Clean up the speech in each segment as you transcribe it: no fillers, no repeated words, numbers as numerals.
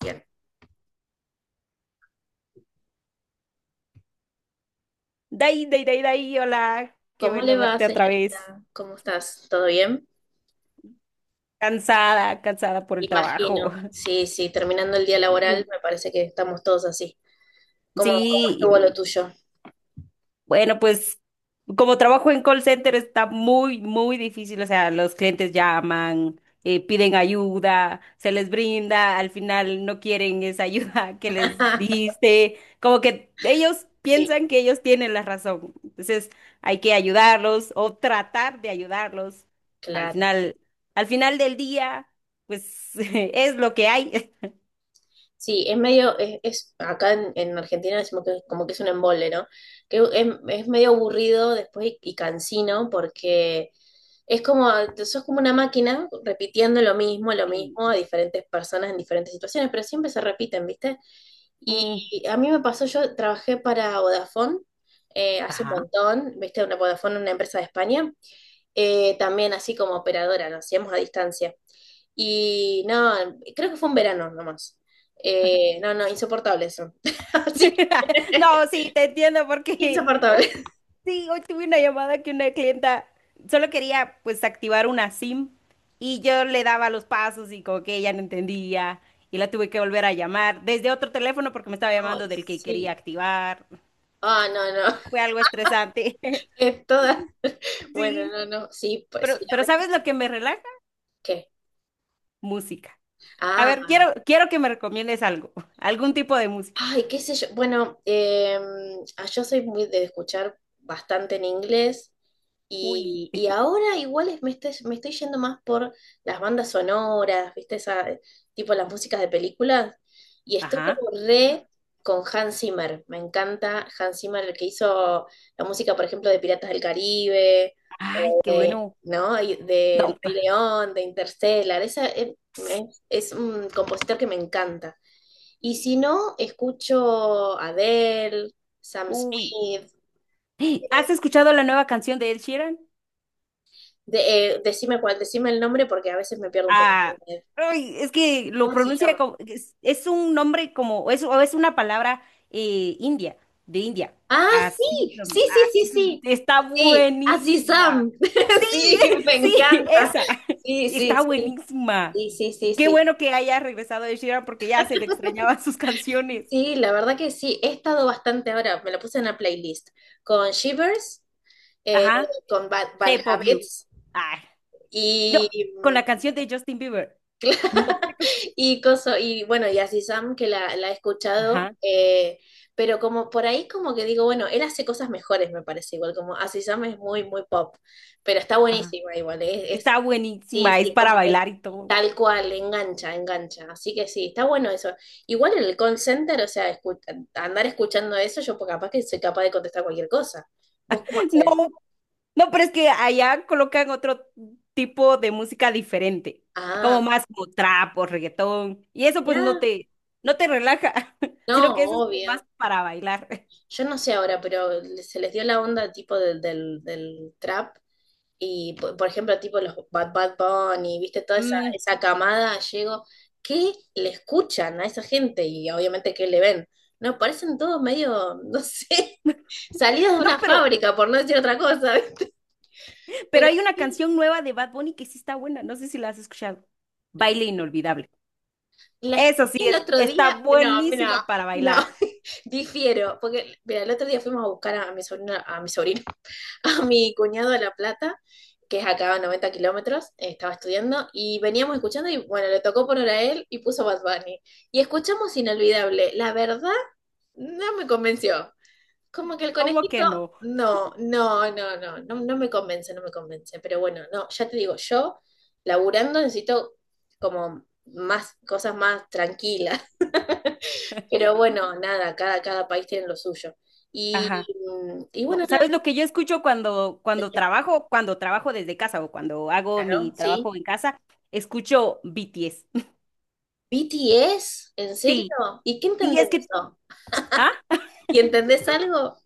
Bien. Dai, dai, dai, dai, hola. Qué ¿Cómo le bueno va, verte otra vez. señorita? ¿Cómo estás? ¿Todo bien? Cansada, cansada por el trabajo. Imagino. Sí, sí, terminando el día laboral, me parece que estamos todos así. ¿Cómo Sí. estuvo lo tuyo? Bueno, pues, como trabajo en call center está muy, muy difícil. O sea, los clientes llaman, piden ayuda, se les brinda, al final no quieren esa ayuda que les diste. Como que ellos Sí, piensan que ellos tienen la razón. Entonces hay que ayudarlos o tratar de ayudarlos. Al claro. final, al final del día, pues es lo que hay. Sí, es medio, es- acá en Argentina decimos que es como que es un embole, ¿no? Que es medio aburrido después y cansino porque es como, sos como una máquina repitiendo lo Sí. mismo a diferentes personas en diferentes situaciones, pero siempre se repiten, ¿viste? Mm, Y a mí me pasó, yo trabajé para Vodafone hace un ajá. montón, viste, una Vodafone, una empresa de España, también así como operadora, lo hacíamos a distancia. Y no, creo que fue un verano nomás. No, no, insoportable eso. Así No, que, sí, te entiendo porque insoportable. hoy, sí, hoy tuve una llamada que una clienta solo quería pues activar una SIM, y yo le daba los pasos y como que ella no entendía, y la tuve que volver a llamar desde otro teléfono porque me estaba Ay, llamando del que quería sí. activar. Ah, no, no. Fue algo estresante. Es toda. Bueno, Sí, no, no. Sí, pues pero, sí, a pero veces. ¿sabes lo que me relaja? ¿Qué? Música. A Ah, ver, quiero que me recomiendes algo, algún tipo de música. ay, qué sé yo. Bueno, yo soy muy de escuchar bastante en inglés Uy, y ahora igual me estoy yendo más por las bandas sonoras, ¿viste? Esa, tipo las músicas de películas. Y estoy ajá. como re con Hans Zimmer. Me encanta Hans Zimmer, el que hizo la música, por ejemplo, de Piratas del Caribe, Ay, qué bueno. ¿no? Y No, del Rey León, de Interstellar. Esa, es un compositor que me encanta. Y si no, escucho Adele, Sam uy. Smith. ¿Has eh, escuchado la nueva canción de Ed Sheeran? Decime cuál, decime el nombre porque a veces me pierdo un Ah, poco. ay, es que lo ¿Cómo se pronuncia llama? como, es un nombre como, es, o es una palabra india, de India. Ah, sí, sí, sí, Así sí, se- sí. está Sí, así buenísima. Sam. Sí, me Sí, encanta. esa, Sí, sí, está sí. buenísima. Sí, sí, sí, Qué sí. bueno que haya regresado Ed Sheeran porque ya se le extrañaban sus canciones. Sí, la verdad que sí. He estado bastante ahora, me lo puse en la playlist, con Shivers, eh, Ajá, con Bad, Bad Shape of You. Habits Ay, no, con y la canción de Justin Bieber. No sé cómo. Se- Y, coso, y bueno, y así Sam, que la he escuchado, Ajá, pero como por ahí como que digo, bueno, él hace cosas mejores, me parece igual, como así Sam es muy, muy pop, pero está ajá. buenísima igual, Está sí, buenísima, es sí, para como que bailar y todo. tal cual, engancha, engancha, así que sí, está bueno eso. Igual en el call center, o sea, andar escuchando eso, yo pues, capaz que soy capaz de contestar cualquier cosa. ¿Vos cómo hacés? No, no, pero es que allá colocan otro tipo de música diferente, como Ah, más como trap o reggaetón, y eso pues no ya, te, no te relaja, sino no, que eso es como más obvio. para bailar. Yo no sé ahora, pero se les dio la onda tipo del trap y, por ejemplo, tipo los Bad Bad Bunny, viste, toda esa, Mm, esa camada, llego, ¿qué le escuchan a esa gente? Y obviamente, ¿qué le ven? No, parecen todos medio, no sé, salidos de no, una pero, fábrica, por no decir otra cosa, ¿viste? pero Pero hay una sí, canción nueva de Bad Bunny que sí está buena, no sé si la has escuchado. Baile inolvidable. la escuché Eso sí, el es, otro está día, no, mira, buenísima para no, bailar. difiero, porque, mira, el otro día fuimos a buscar a mi sobrino, a mi sobrino, a mi cuñado de La Plata, que es acá a 90 kilómetros, estaba estudiando, y veníamos escuchando, y bueno, le tocó poner a él y puso Bad Bunny. Y escuchamos Inolvidable. La verdad, no me convenció. Como que el ¿Cómo conejito, que no? no, no, no, no, no, no me convence, no me convence. Pero bueno, no, ya te digo, yo laburando necesito como más cosas más tranquilas. Pero bueno, nada, cada país tiene lo suyo. Y, Ajá. y No, bueno, nada, ¿sabes yo- lo que yo escucho cuando, cuando trabajo desde casa o cuando hago mi ¿no? trabajo Sí, en casa? Escucho BTS. ¿BTS? ¿En serio? Sí, ¿Y qué sí, entendés es de que, eso? ¿ah? ¿Y entendés algo?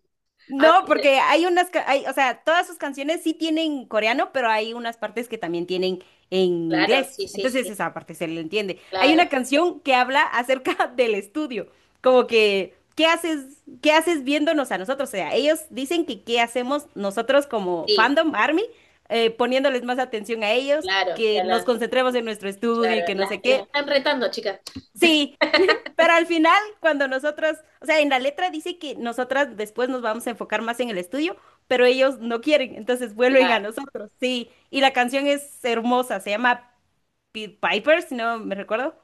Ah, No, me dice, porque hay unas, ca- hay, o sea, todas sus canciones sí tienen coreano, pero hay unas partes que también tienen en claro, inglés. sí, sí, Entonces sí, esa parte se le entiende. Hay claro, una canción que habla acerca del estudio, como que, qué haces viéndonos a nosotros? O sea, ellos dicen que qué hacemos nosotros como sí, fandom, ARMY, poniéndoles más atención a ellos, claro, que nos claro, concentremos en nuestro estudio claro. y que no Las, sé las qué. están retando, chicas. Sí, pero al final, cuando nosotras, o sea, en la letra dice que nosotras después nos vamos a enfocar más en el estudio, pero ellos no quieren, entonces vuelven a Claro, nosotros, sí. Y la canción es hermosa, se llama Pied Piper, si no me recuerdo.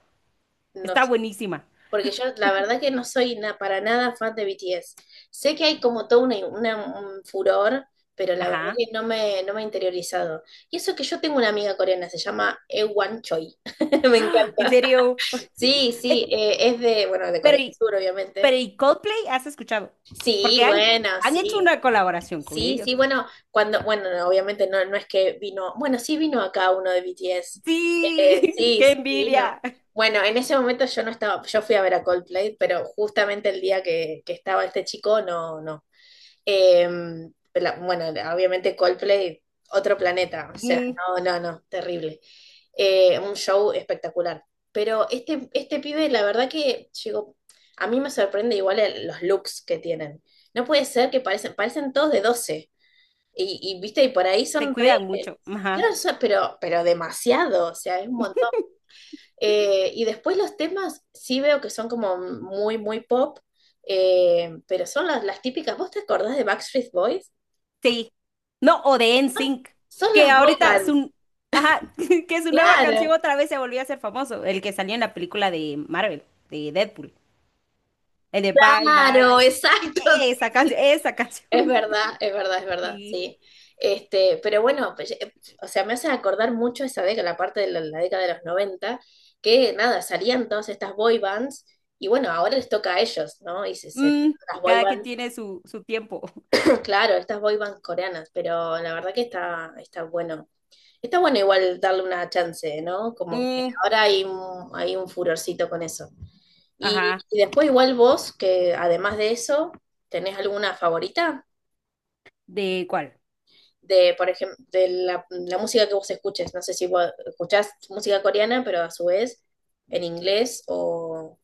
no Está sé. buenísima. Porque yo la verdad que para nada fan de BTS. Sé que hay como todo un furor, pero la verdad Ajá. que no me he interiorizado. Y eso que yo tengo una amiga coreana, se llama Ewan Choi. Me ¡Ah! En encanta. serio. Sí, sí, Eh, es de, bueno, de Corea Pero, del ¿y- Sur, obviamente. pero ¿y Coldplay has escuchado? Sí, Porque han, bueno, han hecho sí. una colaboración con Sí, ellos. sí, bueno, cuando, bueno, no, obviamente no, no es que vino, bueno, sí vino acá uno de BTS. Sí, Sí, qué sí vino. envidia. Bueno, en ese momento yo no estaba, yo fui a ver a Coldplay, pero justamente el día que estaba este chico, no, no. Eh, bueno, obviamente Coldplay, otro planeta, o sea, Mm, no, no, no, terrible un show espectacular. Pero este pibe, la verdad que llegó, a mí me sorprende igual los looks que tienen. No puede ser que parecen, parecen todos de 12 Y, y, viste, y por ahí se son re... cuidan mucho. Ajá. claro, pero demasiado, o sea, es un montón. Y después los temas sí veo que son como muy, muy pop, pero son las típicas. ¿Vos te acordás de Backstreet Boys? Sí. No, o de NSYNC, Son que las boy ahorita bands. su, ajá, que su nueva canción Claro, otra vez se volvió a hacer famoso, el que salió en la película de Marvel, de Deadpool, el de Bye Bye, claro, exacto. esa canción, esa Es canción, verdad, es verdad, es verdad, sí. sí. Este, pero bueno, pues, o sea, me hace acordar mucho esa década, la parte de la década de los 90 que nada, salían todas estas boy bands y bueno, ahora les toca a ellos, ¿no? Y Mm, las boy cada quien bands, tiene su, su tiempo. claro, estas boy bands coreanas, pero la verdad que está, está bueno. Está bueno igual darle una chance, ¿no? Como que Mm, ahora hay un furorcito con eso. Ajá, Y después igual vos, que además de eso, ¿tenés alguna favorita? ¿de cuál? De, por ejemplo, de música que vos escuches. No sé si vos escuchás música coreana, pero a su vez en inglés o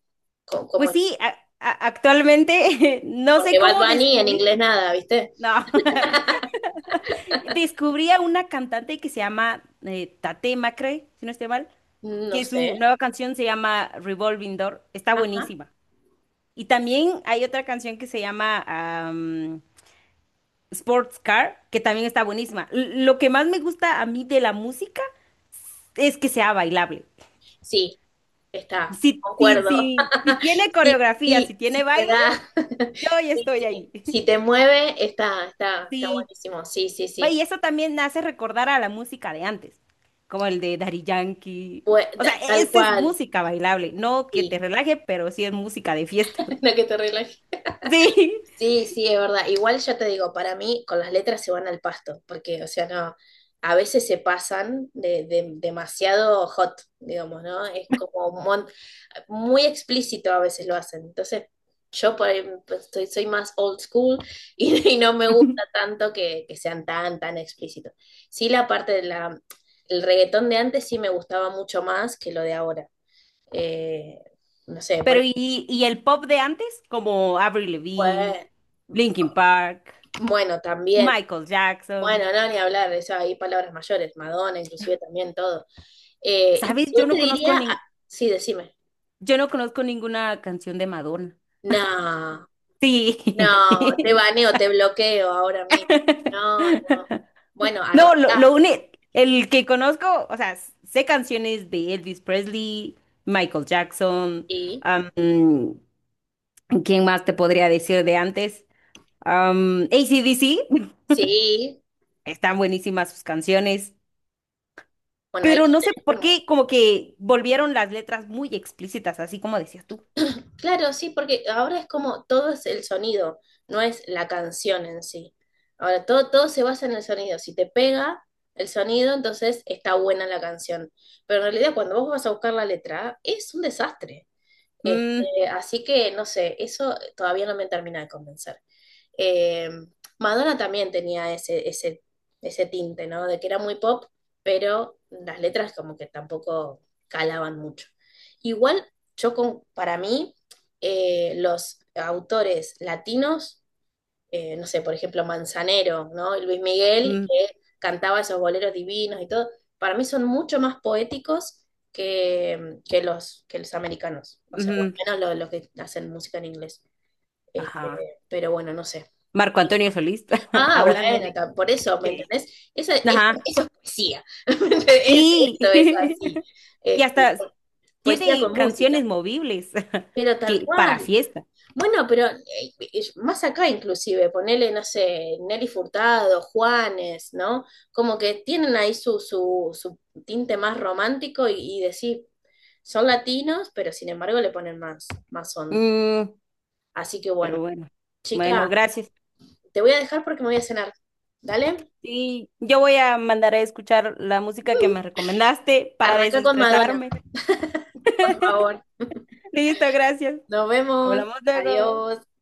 como... Pues sí, a- actualmente no sé Porque Bad cómo Bunny en descubrí, inglés nada, ¿viste? no. Descubrí a una cantante que se llama Tate Macrae, si no estoy mal, No que sé. su nueva canción se llama Revolving Door. Está Ajá. buenísima. Y también hay otra canción que se llama am, Sports Car, que también está buenísima. L- lo que más me gusta a mí de la música es que sea bailable. Sí, está. Si, si, Concuerdo. si, si tiene Sí, coreografía, si sí, tiene sí te baile, da. yo ya Sí, estoy sí. ahí. Si te mueve, está, está, está Sí, buenísimo. Sí, sí, va, sí. y eso también hace recordar a la música de antes, como el de Daddy Yankee. O sea, e- Tal esta es cual. música bailable, no que te Sí. relaje, pero sí es música de fiesta. La que te relaje. Sí, Sí, sí, es verdad. Igual yo te digo, para mí con las letras se van al pasto, porque, o sea, no, a veces se pasan demasiado hot, digamos, ¿no? Es como un mon- muy explícito a veces lo hacen. Entonces, yo por ahí pues, soy más old school y, y no me gusta tanto que sean tan, tan explícitos. Sí, la parte de el reggaetón de antes sí me gustaba mucho más que lo de ahora. Eh, no sé, por pero y el pop de antes, como Avril ejemplo, Lavigne, eh, Linkin Park, bueno, también. Michael Jackson. Bueno, no, ni hablar, eso hay palabras mayores, Madonna, inclusive también todo. ¿Sabes? Inclusive Yo te no conozco diría, nin- ah, sí, decime, yo no conozco ninguna canción de Madonna. no, Sí. no, te baneo, te bloqueo ahora mismo. No, No. no. Bueno, No, lo, arrancá, lo único, el que conozco, o sea, sé canciones de Elvis Presley, Michael Jackson, sí, am, ¿quién más te podría decir de antes? Am, AC/DC, sí. están buenísimas sus canciones, Bueno, ahí pero ya no sé tenés por como qué como que volvieron las letras muy explícitas, así como decías tú. claro, sí, porque ahora es como todo es el sonido, no es la canción en sí. Ahora todo se basa en el sonido. Si te pega el sonido, entonces está buena la canción. Pero en realidad cuando vos vas a buscar la letra, es un desastre. Mm, Este, así que no sé, eso todavía no me termina de convencer. Eh, Madonna también tenía ese tinte, ¿no? De que era muy pop, pero las letras como que tampoco calaban mucho. Igual, yo con, para mí, los autores latinos, no sé, por ejemplo, Manzanero, ¿no? Y Luis Miguel, mm, que cantaba esos boleros divinos y todo, para mí son mucho más poéticos que que los americanos, o sea, o al ujú, menos los que hacen música en inglés. Este, ajá. pero bueno, no sé. Marco Antonio Solís, Ah, hablando bueno, por eso, ¿me de- entendés? Esa Ajá. es poesía. Y, Eso es así. y Este, hasta poesía con tiene música. canciones movibles Pero tal que para cual. fiesta. Bueno, pero más acá inclusive, ponele, no sé, Nelly Furtado, Juanes, ¿no? Como que tienen ahí su tinte más romántico y decir, son latinos, pero sin embargo le ponen más, más onda. Mm, Así que bueno, pero bueno, bueno, chica, gracias. te voy a dejar porque me voy a cenar. ¿Dale? Sí, yo voy a mandar a escuchar la música que me recomendaste para Arranca con Madonna, desestresarme. por favor. Listo, gracias. Nos vemos. Hablamos luego. Adiós.